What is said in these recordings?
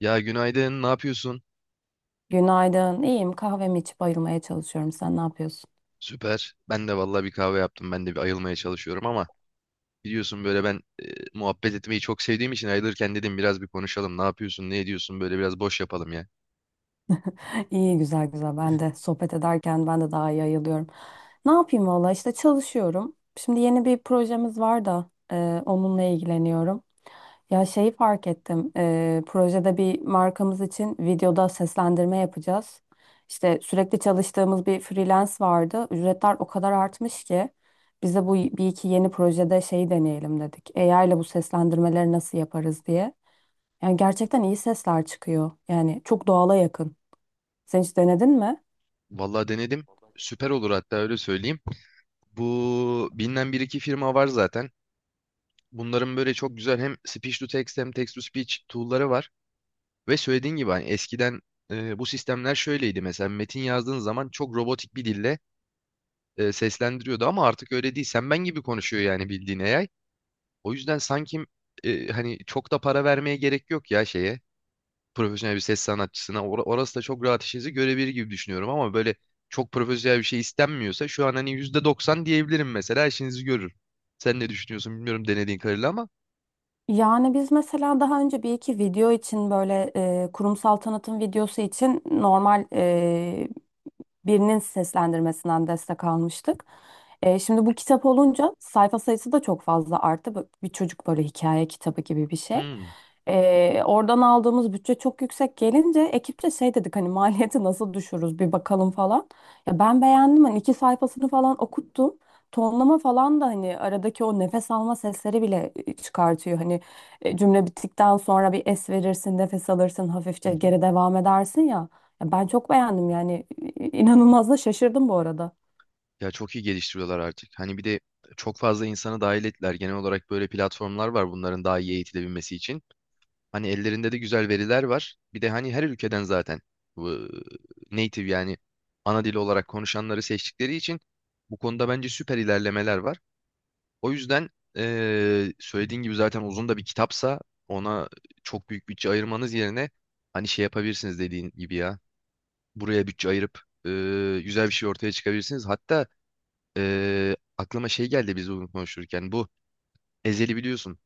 Ya günaydın, ne yapıyorsun? Günaydın. İyiyim. Kahvemi içip ayılmaya çalışıyorum. Sen ne yapıyorsun? Süper. Ben de vallahi bir kahve yaptım. Ben de bir ayılmaya çalışıyorum ama biliyorsun böyle ben muhabbet etmeyi çok sevdiğim için ayılırken dedim biraz bir konuşalım. Ne yapıyorsun, ne ediyorsun? Böyle biraz boş yapalım ya. İyi, güzel güzel. Ben de sohbet ederken ben de daha iyi ayılıyorum. Ne yapayım valla işte çalışıyorum. Şimdi yeni bir projemiz var da onunla ilgileniyorum. Ya şeyi fark ettim. Projede bir markamız için videoda seslendirme yapacağız. İşte sürekli çalıştığımız bir freelance vardı. Ücretler o kadar artmış ki biz de bu bir iki yeni projede şeyi deneyelim dedik. AI ile bu seslendirmeleri nasıl yaparız diye. Yani gerçekten iyi sesler çıkıyor. Yani çok doğala yakın. Sen hiç denedin mi? Vallahi denedim. Süper olur hatta öyle söyleyeyim. Bu bilinen bir iki firma var zaten. Bunların böyle çok güzel hem speech to text hem text to speech tool'ları var. Ve söylediğin gibi hani eskiden bu sistemler şöyleydi mesela metin yazdığın zaman çok robotik bir dille seslendiriyordu ama artık öyle değil. Sen ben gibi konuşuyor yani bildiğin AI. O yüzden sanki hani çok da para vermeye gerek yok ya şeye profesyonel bir ses sanatçısına. Orası da çok rahat işinizi görebilir gibi düşünüyorum ama böyle çok profesyonel bir şey istenmiyorsa şu an hani %90 diyebilirim mesela işinizi görür. Sen ne düşünüyorsun bilmiyorum denediğin kadarıyla ama. Yani biz mesela daha önce bir iki video için böyle kurumsal tanıtım videosu için normal birinin seslendirmesinden destek almıştık. Şimdi bu kitap olunca sayfa sayısı da çok fazla arttı. Bir çocuk böyle hikaye kitabı gibi bir şey. Hmm. Oradan aldığımız bütçe çok yüksek gelince ekipçe şey dedik hani maliyeti nasıl düşürürüz bir bakalım falan. Ya ben beğendim hani iki sayfasını falan okuttum. Tonlama falan da hani aradaki o nefes alma sesleri bile çıkartıyor. Hani cümle bittikten sonra bir es verirsin, nefes alırsın, hafifçe geri devam edersin ya. Ya ben çok beğendim yani inanılmaz da şaşırdım bu arada. Ya çok iyi geliştiriyorlar artık. Hani bir de çok fazla insanı dahil ettiler. Genel olarak böyle platformlar var bunların daha iyi eğitilebilmesi için. Hani ellerinde de güzel veriler var. Bir de hani her ülkeden zaten bu native yani ana dili olarak konuşanları seçtikleri için bu konuda bence süper ilerlemeler var. O yüzden söylediğin gibi zaten uzun da bir kitapsa ona çok büyük bütçe ayırmanız yerine hani şey yapabilirsiniz dediğin gibi ya. Buraya bütçe ayırıp güzel bir şey ortaya çıkabilirsiniz. Hatta aklıma şey geldi biz bunu konuşurken. Bu Ezhel'i biliyorsun.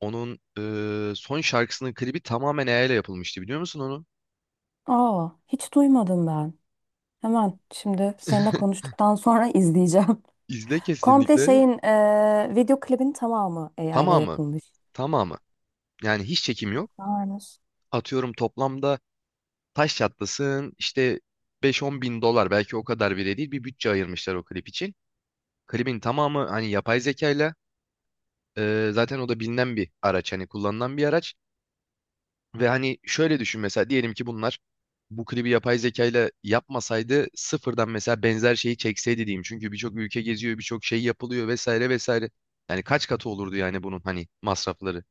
Onun son şarkısının klibi tamamen AI ile yapılmıştı. Biliyor musun onu? Aa, hiç duymadım ben. Hemen şimdi seninle konuştuktan sonra izleyeceğim. İzle Komple kesinlikle. şeyin video klibin tamamı AI ile Tamamı. yapılmış. Tamamı. Yani hiç çekim yok. Aynen. Atıyorum toplamda taş çatlasın işte 5-10 bin dolar belki o kadar bile değil bir bütçe ayırmışlar o klip için. Klibin tamamı hani yapay zekayla zaten o da bilinen bir araç hani kullanılan bir araç. Ve hani şöyle düşün mesela diyelim ki bunlar bu klibi yapay zeka ile yapmasaydı sıfırdan mesela benzer şeyi çekseydi diyeyim. Çünkü birçok ülke geziyor, birçok şey yapılıyor vesaire vesaire. Yani kaç katı olurdu yani bunun hani masrafları.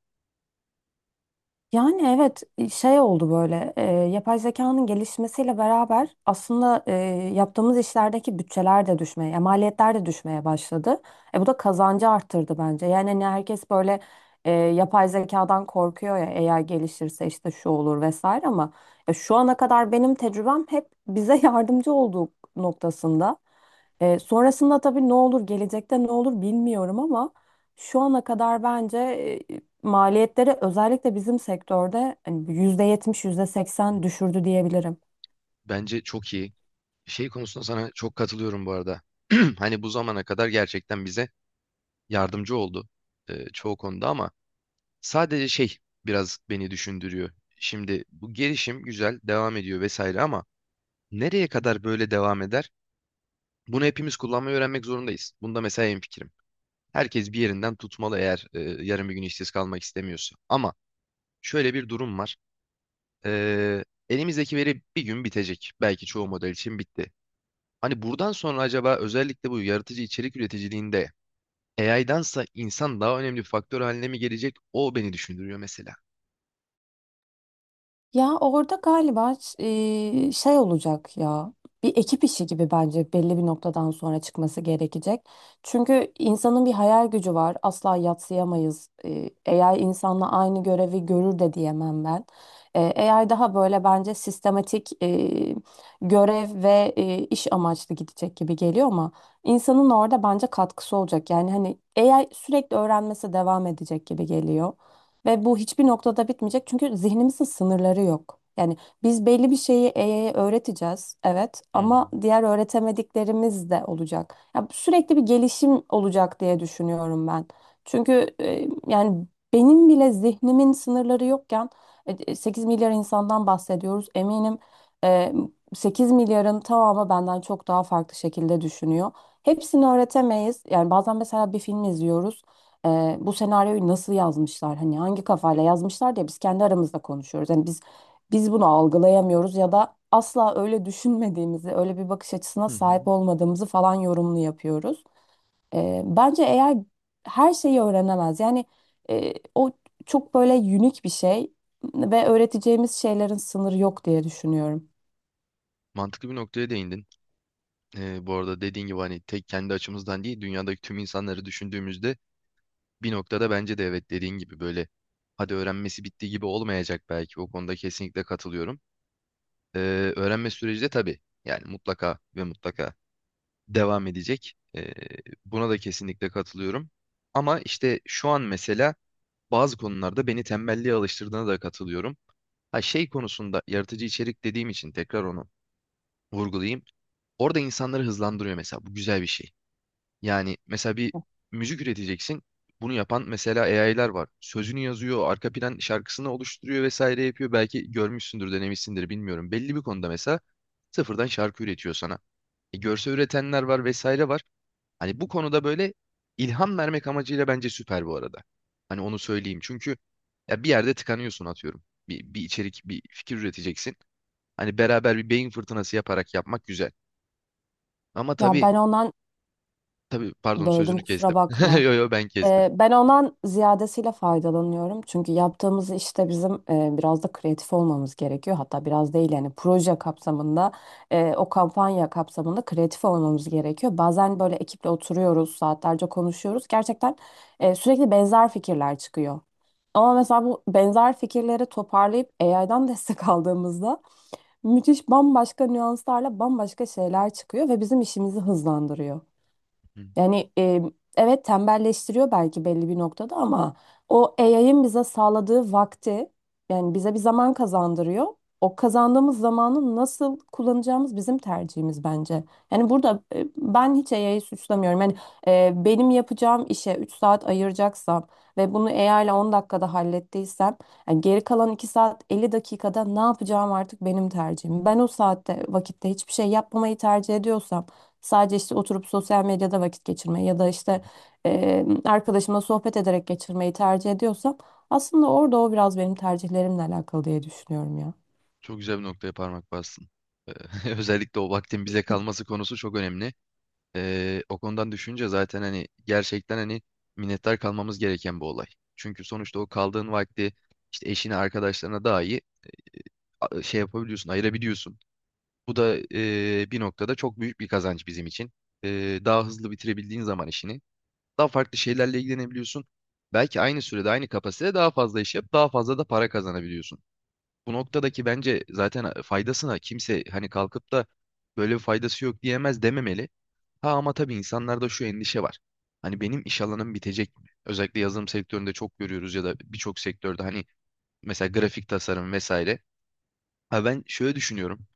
Yani evet, şey oldu böyle, yapay zekanın gelişmesiyle beraber aslında yaptığımız işlerdeki bütçeler de düşmeye, yani maliyetler de düşmeye başladı. Bu da kazancı arttırdı bence. Yani hani herkes böyle yapay zekadan korkuyor ya, eğer gelişirse işte şu olur vesaire, ama şu ana kadar benim tecrübem hep bize yardımcı olduğu noktasında. Sonrasında tabii ne olur, gelecekte ne olur bilmiyorum, ama şu ana kadar bence e, maliyetleri özellikle bizim sektörde hani %70, %80 düşürdü diyebilirim. Bence çok iyi. Şey konusunda sana çok katılıyorum bu arada. Hani bu zamana kadar gerçekten bize yardımcı oldu çoğu konuda ama sadece şey biraz beni düşündürüyor. Şimdi bu gelişim güzel devam ediyor vesaire ama nereye kadar böyle devam eder? Bunu hepimiz kullanmayı öğrenmek zorundayız. Bunda mesela hemfikirim. Herkes bir yerinden tutmalı eğer yarın bir gün işsiz kalmak istemiyorsa. Ama şöyle bir durum var. E, elimizdeki veri bir gün bitecek. Belki çoğu model için bitti. Hani buradan sonra acaba özellikle bu yaratıcı içerik üreticiliğinde AI'dansa insan daha önemli bir faktör haline mi gelecek? O beni düşündürüyor mesela. Ya orada galiba şey olacak ya. Bir ekip işi gibi bence belli bir noktadan sonra çıkması gerekecek. Çünkü insanın bir hayal gücü var. Asla yadsıyamayız. AI insanla aynı görevi görür de diyemem ben. AI daha böyle bence sistematik görev ve iş amaçlı gidecek gibi geliyor, ama insanın orada bence katkısı olacak. Yani hani AI sürekli öğrenmesi devam edecek gibi geliyor. Ve bu hiçbir noktada bitmeyecek çünkü zihnimizin sınırları yok. Yani biz belli bir şeyi AI'ye öğreteceğiz, evet, Hı hı. ama diğer öğretemediklerimiz de olacak. Ya sürekli bir gelişim olacak diye düşünüyorum ben. Çünkü yani benim bile zihnimin sınırları yokken 8 milyar insandan bahsediyoruz. Eminim e, 8 milyarın tamamı benden çok daha farklı şekilde düşünüyor. Hepsini öğretemeyiz. Yani bazen mesela bir film izliyoruz, e, bu senaryoyu nasıl yazmışlar, hani hangi kafayla yazmışlar diye biz kendi aramızda konuşuyoruz. Yani biz bunu algılayamıyoruz, ya da asla öyle düşünmediğimizi, öyle bir bakış açısına Hı hı. sahip olmadığımızı falan yorumlu yapıyoruz. Bence eğer her şeyi öğrenemez. Yani o çok böyle unik bir şey ve öğreteceğimiz şeylerin sınırı yok diye düşünüyorum. Mantıklı bir noktaya değindin. Bu arada dediğin gibi hani tek kendi açımızdan değil dünyadaki tüm insanları düşündüğümüzde bir noktada bence de evet dediğin gibi böyle hadi öğrenmesi bitti gibi olmayacak belki o konuda kesinlikle katılıyorum. Ee, öğrenme süreci de tabii yani mutlaka ve mutlaka devam edecek. Buna da kesinlikle katılıyorum. Ama işte şu an mesela bazı konularda beni tembelliğe alıştırdığına da katılıyorum. Ha şey konusunda yaratıcı içerik dediğim için tekrar onu vurgulayayım. Orada insanları hızlandırıyor mesela bu güzel bir şey. Yani mesela bir müzik üreteceksin. Bunu yapan mesela AI'lar var. Sözünü yazıyor, arka plan şarkısını oluşturuyor vesaire yapıyor. Belki görmüşsündür, denemişsindir bilmiyorum. Belli bir konuda mesela sıfırdan şarkı üretiyor sana. Görsel üretenler var vesaire var. Hani bu konuda böyle ilham vermek amacıyla bence süper bu arada. Hani onu söyleyeyim. Çünkü ya bir yerde tıkanıyorsun atıyorum. Bir içerik, bir fikir üreteceksin. Hani beraber bir beyin fırtınası yaparak yapmak güzel. Ama Ya tabii, ben ondan tabii pardon böldüm, sözünü kestim. kusura bakma. Yo yo ben kestim. Ben ondan ziyadesiyle faydalanıyorum. Çünkü yaptığımız işte bizim biraz da kreatif olmamız gerekiyor. Hatta biraz değil yani, proje kapsamında, o kampanya kapsamında kreatif olmamız gerekiyor. Bazen böyle ekiple oturuyoruz, saatlerce konuşuyoruz. Gerçekten sürekli benzer fikirler çıkıyor. Ama mesela bu benzer fikirleri toparlayıp AI'dan destek aldığımızda müthiş, bambaşka nüanslarla bambaşka şeyler çıkıyor ve bizim işimizi hızlandırıyor. Yani evet, tembelleştiriyor belki belli bir noktada, ama o AI'ın bize sağladığı vakti, yani bize bir zaman kazandırıyor. O kazandığımız zamanı nasıl kullanacağımız bizim tercihimiz bence. Yani burada ben hiç AI'yi suçlamıyorum. Yani benim yapacağım işe 3 saat ayıracaksam ve bunu AI ile 10 dakikada hallettiysem, yani geri kalan 2 saat 50 dakikada ne yapacağım artık benim tercihim. Ben o saatte vakitte hiçbir şey yapmamayı tercih ediyorsam, sadece işte oturup sosyal medyada vakit geçirmeyi ya da işte arkadaşıma sohbet ederek geçirmeyi tercih ediyorsam, aslında orada o biraz benim tercihlerimle alakalı diye düşünüyorum ya. Çok güzel bir noktaya parmak bastın. Ee, Özellikle o vaktin bize kalması konusu çok önemli. O konudan düşünce zaten hani gerçekten hani minnettar kalmamız gereken bir olay. Çünkü sonuçta o kaldığın vakti işte eşine, arkadaşlarına daha iyi şey yapabiliyorsun, ayırabiliyorsun. Bu da bir noktada çok büyük bir kazanç bizim için. Daha hızlı bitirebildiğin zaman işini, daha farklı şeylerle ilgilenebiliyorsun. Belki aynı sürede, aynı kapasitede daha fazla iş yap, daha fazla da para kazanabiliyorsun. Bu noktadaki bence zaten faydasına kimse hani kalkıp da böyle bir faydası yok diyemez dememeli. Ha ama tabii insanlarda şu endişe var. Hani benim iş alanım bitecek mi? Özellikle yazılım sektöründe çok görüyoruz ya da birçok sektörde hani mesela grafik tasarım vesaire. Ha ben şöyle düşünüyorum.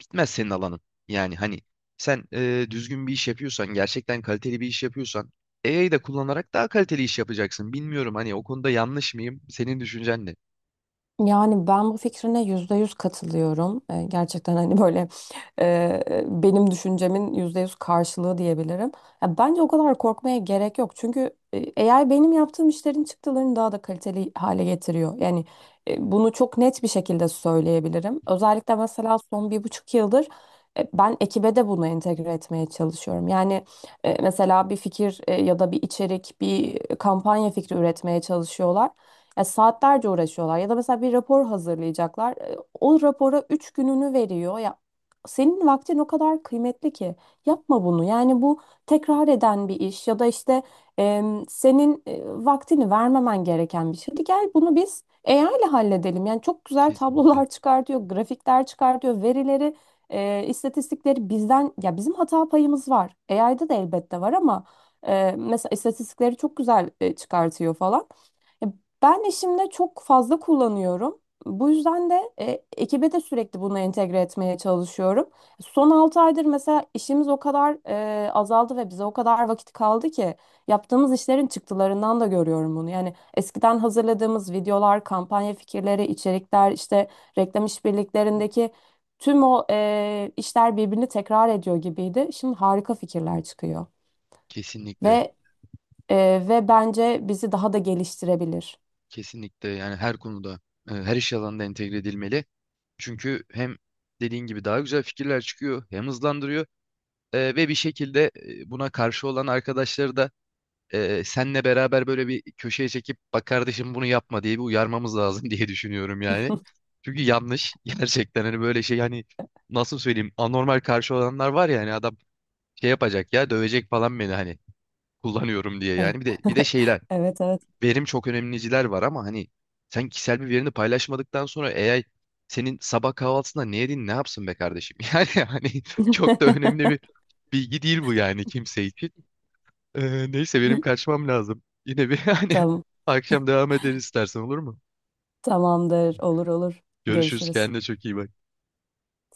Bitmez senin alanın. Yani hani sen düzgün bir iş yapıyorsan, gerçekten kaliteli bir iş yapıyorsan AI'yı da kullanarak daha kaliteli iş yapacaksın. Bilmiyorum hani o konuda yanlış mıyım? Senin düşüncen ne? Yani ben bu fikrine yüzde yüz katılıyorum. Gerçekten hani böyle benim düşüncemin yüzde yüz karşılığı diyebilirim. Ya bence o kadar korkmaya gerek yok. Çünkü AI benim yaptığım işlerin çıktılarını daha da kaliteli hale getiriyor. Yani bunu çok net bir şekilde söyleyebilirim. Özellikle mesela son bir buçuk yıldır ben ekibe de bunu entegre etmeye çalışıyorum. Yani mesela bir fikir, ya da bir içerik, bir kampanya fikri üretmeye çalışıyorlar. Ya saatlerce uğraşıyorlar ya da mesela bir rapor hazırlayacaklar. O rapora 3 gününü veriyor. Ya senin vaktin o kadar kıymetli ki yapma bunu. Yani bu tekrar eden bir iş ya da işte, senin vaktini vermemen gereken bir şey. Hadi gel bunu biz AI ile halledelim. Yani çok güzel Kesinlikle, tablolar çıkartıyor, grafikler çıkartıyor, verileri, istatistikleri bizden, ya bizim hata payımız var. AI'da da elbette var, ama mesela istatistikleri çok güzel çıkartıyor falan. Ya ben işimde çok fazla kullanıyorum. Bu yüzden de ekibe de sürekli bunu entegre etmeye çalışıyorum. Son 6 aydır mesela işimiz o kadar azaldı ve bize o kadar vakit kaldı ki yaptığımız işlerin çıktılarından da görüyorum bunu. Yani eskiden hazırladığımız videolar, kampanya fikirleri, içerikler, işte reklam işbirliklerindeki tüm o işler birbirini tekrar ediyor gibiydi. Şimdi harika fikirler çıkıyor kesinlikle. ve ve bence bizi daha da geliştirebilir. Kesinlikle yani her konuda her iş alanında entegre edilmeli. Çünkü hem dediğin gibi daha güzel fikirler çıkıyor hem hızlandırıyor ve bir şekilde buna karşı olan arkadaşları da senle beraber böyle bir köşeye çekip bak kardeşim bunu yapma diye bir uyarmamız lazım diye düşünüyorum yani. Çünkü yanlış gerçekten hani böyle şey hani nasıl söyleyeyim anormal karşı olanlar var ya hani adam şey yapacak ya dövecek falan beni hani kullanıyorum diye Evet, yani bir de şeyler evet, evet. verim çok önemliciler var ama hani sen kişisel bir verini paylaşmadıktan sonra AI senin sabah kahvaltısında ne yedin ne yapsın be kardeşim? Yani hani çok da önemli bir bilgi değil bu yani kimse için. Neyse benim kaçmam lazım. Yine bir hani Tamam, akşam devam ederiz istersen olur mu? tamamdır, olur olur. Görüşürüz Görüşürüz. kendine çok iyi bak.